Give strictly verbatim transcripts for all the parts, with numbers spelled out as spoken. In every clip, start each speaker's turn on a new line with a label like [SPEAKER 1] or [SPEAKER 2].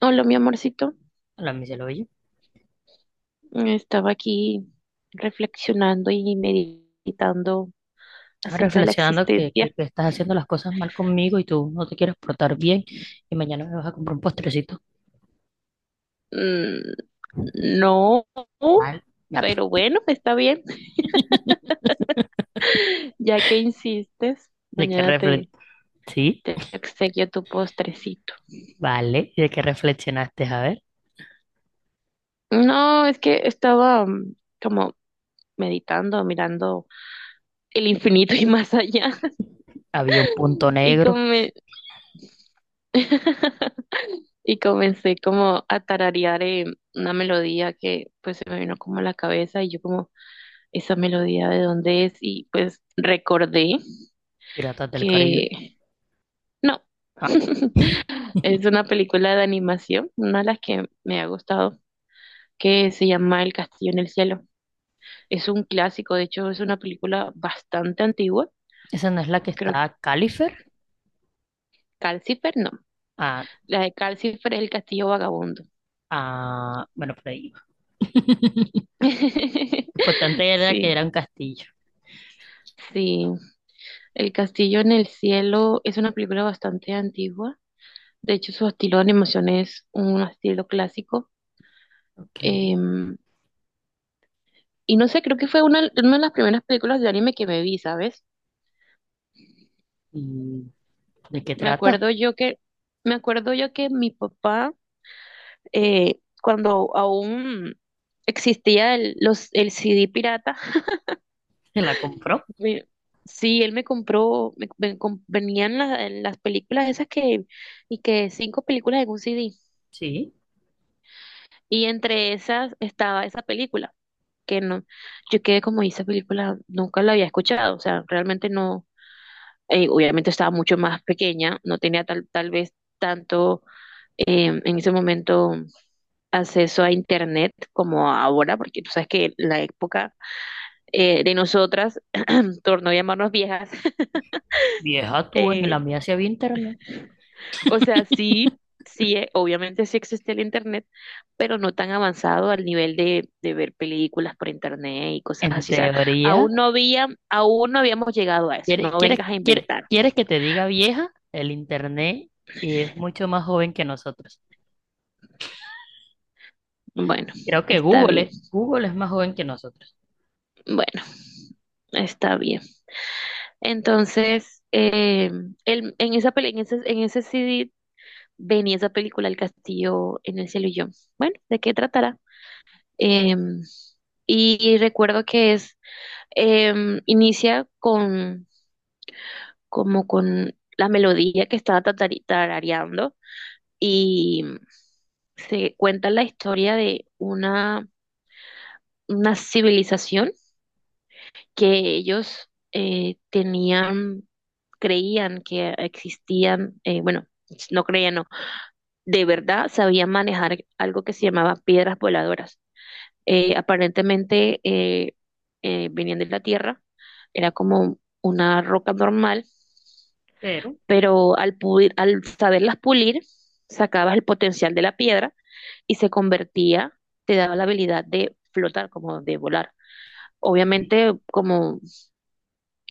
[SPEAKER 1] Hola, mi amorcito.
[SPEAKER 2] La Michelle, oye,
[SPEAKER 1] Estaba aquí reflexionando y meditando
[SPEAKER 2] estaba
[SPEAKER 1] acerca de la
[SPEAKER 2] reflexionando que, que,
[SPEAKER 1] existencia.
[SPEAKER 2] que estás haciendo las cosas mal conmigo y tú no te quieres portar bien y mañana me vas a comprar un postrecito
[SPEAKER 1] Mm, no,
[SPEAKER 2] mal. Ya, pi.
[SPEAKER 1] pero bueno, está bien. Ya que insistes,
[SPEAKER 2] ¿De qué
[SPEAKER 1] mañana
[SPEAKER 2] refle
[SPEAKER 1] te,
[SPEAKER 2] Sí,
[SPEAKER 1] te obsequio tu postrecito.
[SPEAKER 2] vale. ¿Y de qué reflexionaste? A ver,
[SPEAKER 1] No, es que estaba mm, como meditando, mirando el infinito y más allá.
[SPEAKER 2] había un punto
[SPEAKER 1] Y como
[SPEAKER 2] negro.
[SPEAKER 1] me... Y comencé como a tararear eh, una melodía que pues se me vino como a la cabeza y yo como, ¿esa melodía de dónde es? Y pues recordé
[SPEAKER 2] Piratas del Caribe.
[SPEAKER 1] que no,
[SPEAKER 2] Ah,
[SPEAKER 1] es una película de animación, una de las que me ha gustado, que se llama El Castillo en el Cielo. Es un clásico, de hecho es una película bastante antigua,
[SPEAKER 2] esa no es la que
[SPEAKER 1] creo que
[SPEAKER 2] está Califer.
[SPEAKER 1] Calcifer no,
[SPEAKER 2] Ah,
[SPEAKER 1] la de Calcifer es El Castillo Vagabundo.
[SPEAKER 2] ah, bueno, por ahí iba. Lo importante era que
[SPEAKER 1] Sí,
[SPEAKER 2] era un castillo.
[SPEAKER 1] sí. El Castillo en el Cielo es una película bastante antigua. De hecho, su estilo de animación es un estilo clásico.
[SPEAKER 2] Ok.
[SPEAKER 1] Em, y no sé, creo que fue una, una de las primeras películas de anime que me vi, ¿sabes?
[SPEAKER 2] ¿Y de qué
[SPEAKER 1] Me
[SPEAKER 2] trata?
[SPEAKER 1] acuerdo yo que, me acuerdo yo que mi papá, eh, cuando aún existía el, los, el C D pirata,
[SPEAKER 2] ¿Se la compró?
[SPEAKER 1] me- sí, él me compró, me, me com- venían la- las películas esas que, y que cinco películas en un C D.
[SPEAKER 2] Sí.
[SPEAKER 1] Y entre esas estaba esa película. Que no, yo quedé como "¿Y esa película, nunca la había escuchado, o sea, realmente no, eh, obviamente estaba mucho más pequeña, no tenía tal, tal vez tanto eh, en ese momento acceso a internet como ahora, porque tú sabes que la época eh, de nosotras, torno a llamarnos viejas,
[SPEAKER 2] Vieja tú, en
[SPEAKER 1] eh,
[SPEAKER 2] la mía sí había internet.
[SPEAKER 1] o sea, sí, sí, eh, obviamente sí existe el internet, pero no tan avanzado al nivel de, de ver películas por internet y cosas
[SPEAKER 2] En
[SPEAKER 1] así. O sea,
[SPEAKER 2] teoría.
[SPEAKER 1] aún no había, aún no habíamos llegado a eso.
[SPEAKER 2] ¿Quieres,
[SPEAKER 1] No
[SPEAKER 2] quieres,
[SPEAKER 1] vengas a
[SPEAKER 2] quieres,
[SPEAKER 1] inventar.
[SPEAKER 2] quieres que te diga vieja? El internet es mucho más joven que nosotros.
[SPEAKER 1] Bueno,
[SPEAKER 2] Creo que
[SPEAKER 1] está
[SPEAKER 2] Google,
[SPEAKER 1] bien.
[SPEAKER 2] es- Google es más joven que nosotros.
[SPEAKER 1] Bueno, está bien. Entonces, eh, el- en esa peli- en ese, en ese C D venía esa película El Castillo en el cielo y yo. Bueno, ¿de qué tratará? Em, y, y recuerdo que es, em, inicia con como con la melodía que estaba tatari- tarareando y se cuenta la historia de una, una civilización que ellos eh, tenían, creían que existían, eh, bueno, no creían, no, de verdad sabían manejar algo que se llamaba piedras voladoras. Eh, aparentemente eh, eh, venían de la Tierra, era como una roca normal
[SPEAKER 2] Pero
[SPEAKER 1] pero al, pulir- al saberlas pulir, sacabas el potencial de la piedra y se convertía, te daba la habilidad de flotar, como de volar.
[SPEAKER 2] sí,
[SPEAKER 1] Obviamente, como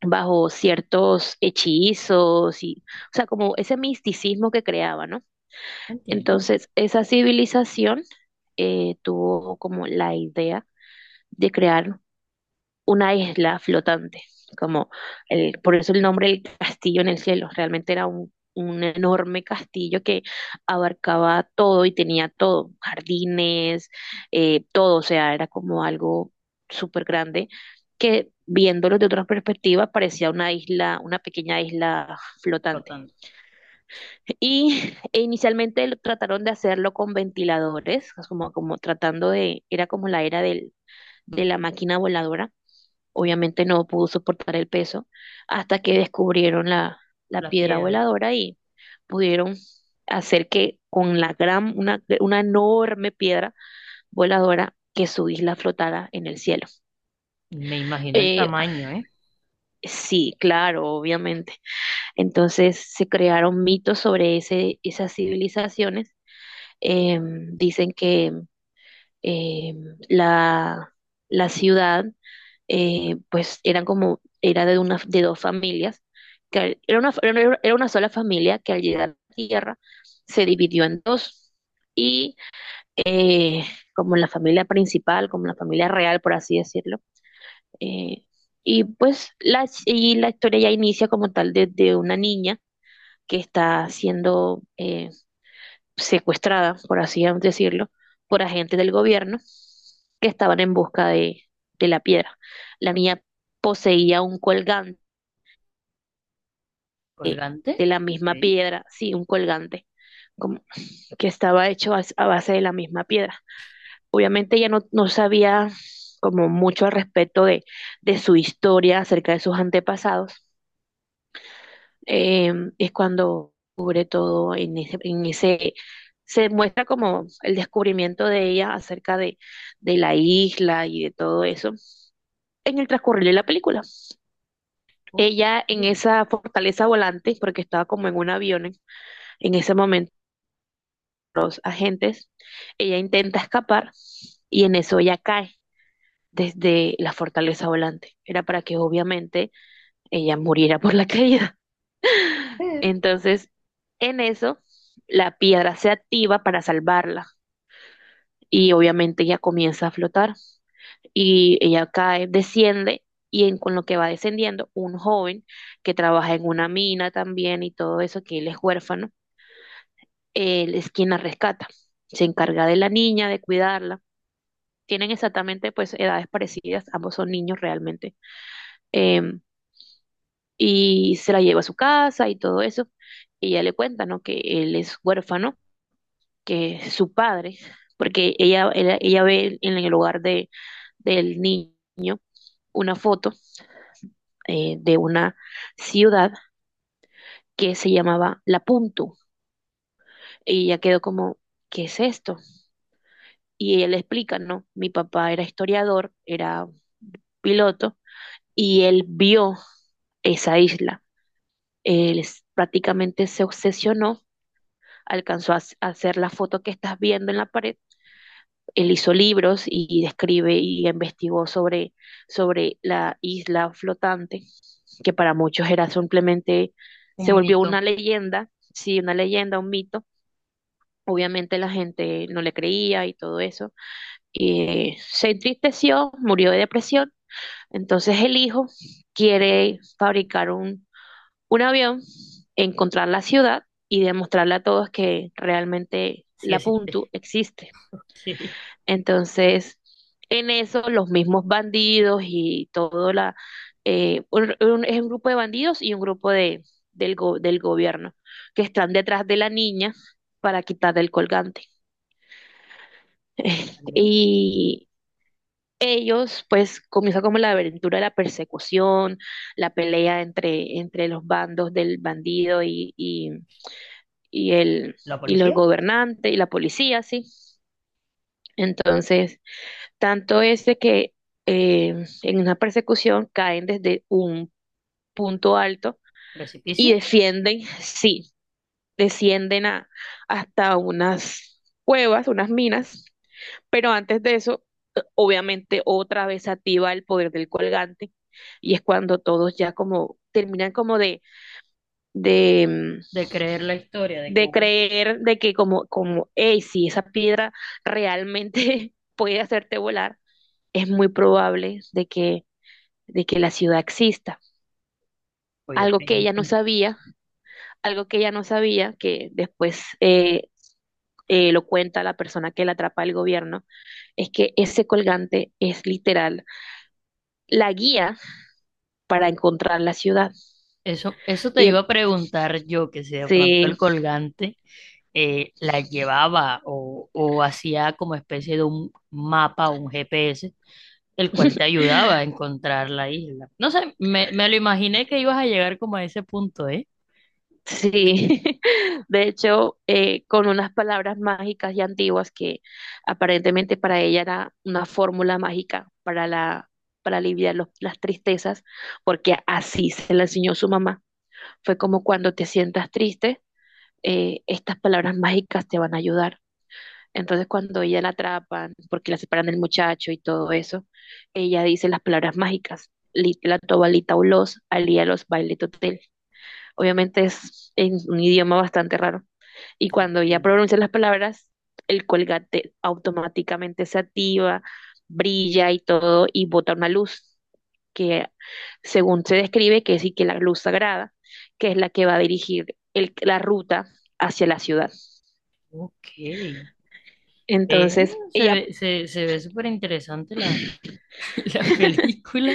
[SPEAKER 1] bajo ciertos hechizos y, o sea, como ese misticismo que creaba, ¿no?
[SPEAKER 2] entiendo.
[SPEAKER 1] Entonces, esa civilización eh, tuvo como la idea de crear una isla flotante, como el, por eso el nombre del castillo en el cielo, realmente era un, un enorme castillo que abarcaba todo y tenía todo, jardines, eh, todo, o sea, era como algo súper grande que viéndolo de otra perspectiva parecía una isla, una pequeña isla
[SPEAKER 2] Lo
[SPEAKER 1] flotante.
[SPEAKER 2] tanto,
[SPEAKER 1] Y e inicialmente lo- trataron de hacerlo con ventiladores, como, como tratando de, era como la era del, de la máquina voladora. Obviamente no pudo soportar el peso hasta que descubrieron la, la
[SPEAKER 2] la
[SPEAKER 1] piedra
[SPEAKER 2] piedra.
[SPEAKER 1] voladora y pudieron hacer que con la gran, una, una enorme piedra voladora que su isla flotara en el cielo.
[SPEAKER 2] Me imagino el
[SPEAKER 1] Eh,
[SPEAKER 2] tamaño, ¿eh?
[SPEAKER 1] sí, claro, obviamente. Entonces se crearon mitos sobre ese, esas civilizaciones. Eh, dicen que eh, la, la ciudad eh, pues eran como, era de, una, de dos familias, que al- era una, era era una sola familia que al llegar a la Tierra se dividió en dos y eh, como la familia principal, como la familia real, por así decirlo. eh, y pues la, y la historia ya inicia como tal desde una niña que está siendo... eh, secuestrada, por así decirlo, por agentes del gobierno que estaban en busca de, de la piedra. La niña poseía un colgante
[SPEAKER 2] Colgante.
[SPEAKER 1] de la
[SPEAKER 2] Ok.
[SPEAKER 1] misma piedra, sí, un colgante como- que estaba hecho a, a base de la misma piedra. Obviamente ella no, no sabía como mucho al respecto de, de su historia acerca de sus antepasados, eh, es cuando cubre todo en ese, en ese, se muestra como el descubrimiento de ella acerca de, de la isla y de todo eso en el transcurrir de la película.
[SPEAKER 2] Ok.
[SPEAKER 1] Ella en esa fortaleza volante, porque estaba como en un avión en ese momento, los agentes, ella intenta escapar y en eso ella cae desde la fortaleza volante. Era para que obviamente ella muriera por la caída.
[SPEAKER 2] Pero
[SPEAKER 1] Entonces, en eso, la piedra se activa para salvarla y obviamente ella comienza a flotar y ella cae, desciende y en, con lo que va descendiendo, un joven que trabaja en una mina también y todo eso, que él es huérfano, él es quien la rescata, se encarga de la niña, de cuidarla. Tienen exactamente pues edades parecidas, ambos son niños realmente. Em, y se la lleva a su casa y todo eso. Y ella le cuenta, ¿no? Que él es huérfano que su padre, porque ella, ella, ella ve en el hogar de, del niño una foto eh, de una ciudad que se llamaba La Puntu. Y ella quedó como, ¿qué es esto? Y ella le explica, no, mi papá era historiador, era piloto, y él vio esa isla. Él prácticamente se obsesionó, alcanzó a hacer la foto que estás viendo en la pared. Él hizo libros y describe y investigó sobre, sobre la isla flotante, que para muchos era simplemente, se
[SPEAKER 2] un
[SPEAKER 1] volvió una
[SPEAKER 2] mito,
[SPEAKER 1] leyenda, sí, una leyenda, un mito. Obviamente la gente no le creía y todo eso. Y se entristeció, murió de depresión. Entonces el hijo quiere fabricar un, un avión, encontrar la ciudad y demostrarle a todos que realmente
[SPEAKER 2] sí
[SPEAKER 1] la
[SPEAKER 2] existe.
[SPEAKER 1] Puntu existe.
[SPEAKER 2] Ok.
[SPEAKER 1] Entonces, en eso los mismos bandidos y todo la eh, un- un- es un grupo de bandidos y un grupo de del go- del gobierno que están detrás de la niña para quitarle el colgante.
[SPEAKER 2] Vale.
[SPEAKER 1] Y ellos, pues, comienza como la aventura de la persecución, la pelea entre, entre los bandos del bandido y, y, y el,
[SPEAKER 2] La
[SPEAKER 1] y los
[SPEAKER 2] policía,
[SPEAKER 1] gobernantes y la policía, ¿sí? Entonces, tanto es de que eh, en una persecución caen desde un punto alto y
[SPEAKER 2] precipicio,
[SPEAKER 1] defienden, sí, descienden a, hasta unas cuevas, unas minas, pero antes de eso, obviamente otra vez se activa el poder del colgante y es cuando todos ya como terminan como de, de, mm,
[SPEAKER 2] de creer la historia de que
[SPEAKER 1] de
[SPEAKER 2] hubo,
[SPEAKER 1] creer de que como, como, hey, si esa piedra realmente puede hacerte volar, es muy probable de que de que la ciudad exista. Algo que ella
[SPEAKER 2] obviamente.
[SPEAKER 1] no sabía, algo que ella no sabía, que después eh, eh, lo cuenta la persona que la atrapa el gobierno, es que ese colgante es literal la guía para encontrar la ciudad.
[SPEAKER 2] Eso, eso te
[SPEAKER 1] Ella
[SPEAKER 2] iba a preguntar yo, que si de pronto
[SPEAKER 1] sí,
[SPEAKER 2] el colgante eh, la llevaba o, o hacía como especie de un mapa, un G P S, el cual te ayudaba a encontrar la isla. No sé, me, me lo imaginé que ibas a llegar como a ese punto, ¿eh?
[SPEAKER 1] sí. De hecho, eh, con unas palabras mágicas y antiguas que aparentemente para ella era una fórmula mágica para la, para aliviar los- las tristezas, porque así se la enseñó su mamá. Fue como cuando te sientas triste, eh, estas palabras mágicas te van a ayudar. Entonces cuando ella la atrapan, porque la separan del muchacho y todo eso, ella dice las palabras mágicas, "Lit- la tobalita ulos, alía los baile totel. Obviamente es en un idioma bastante raro, y cuando ya
[SPEAKER 2] Perfil.
[SPEAKER 1] pronuncia las palabras, el colgate automáticamente se activa, brilla y todo, y bota una luz que, según se describe, que es y que la luz sagrada, que es la que va a dirigir el- la ruta hacia la ciudad.
[SPEAKER 2] Ok. Eh,
[SPEAKER 1] Entonces,
[SPEAKER 2] se
[SPEAKER 1] ella,
[SPEAKER 2] ve, se, se ve súper interesante la, la película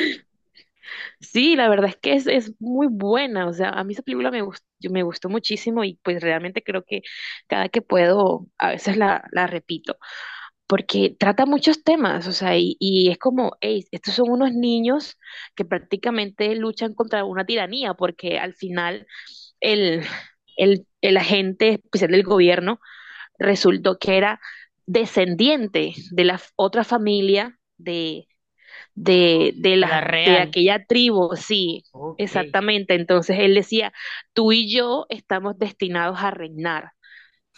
[SPEAKER 1] sí, la verdad es que es, es muy buena, o sea, a mí esa película me gustó, me gustó muchísimo y pues realmente creo que cada que puedo, a veces la, la repito. Porque trata muchos temas, o sea, y, y es como, "Ey, estos son unos niños que prácticamente luchan contra una tiranía, porque al final el, el, el agente especial del gobierno resultó que era descendiente de la f- otra familia de, de, de,
[SPEAKER 2] de la
[SPEAKER 1] la, de
[SPEAKER 2] real.
[SPEAKER 1] aquella tribu, sí,
[SPEAKER 2] Ok.
[SPEAKER 1] exactamente. Entonces él decía, tú y yo estamos destinados a reinar.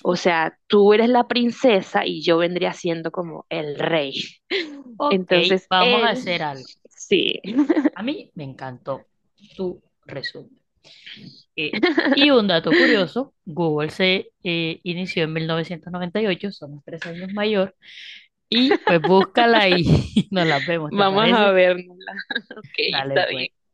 [SPEAKER 1] O sea, tú eres la princesa y yo vendría siendo como el rey.
[SPEAKER 2] Ok,
[SPEAKER 1] Entonces
[SPEAKER 2] vamos a
[SPEAKER 1] él,
[SPEAKER 2] hacer algo.
[SPEAKER 1] sí,
[SPEAKER 2] A mí me encantó tu resumen. Eh, y un dato curioso, Google se eh, inició en mil novecientos noventa y ocho, somos tres años mayor, y pues búscala y nos la vemos, ¿te
[SPEAKER 1] vamos a
[SPEAKER 2] parece?
[SPEAKER 1] vernos. Ok,
[SPEAKER 2] Dale,
[SPEAKER 1] está
[SPEAKER 2] pues.
[SPEAKER 1] bien.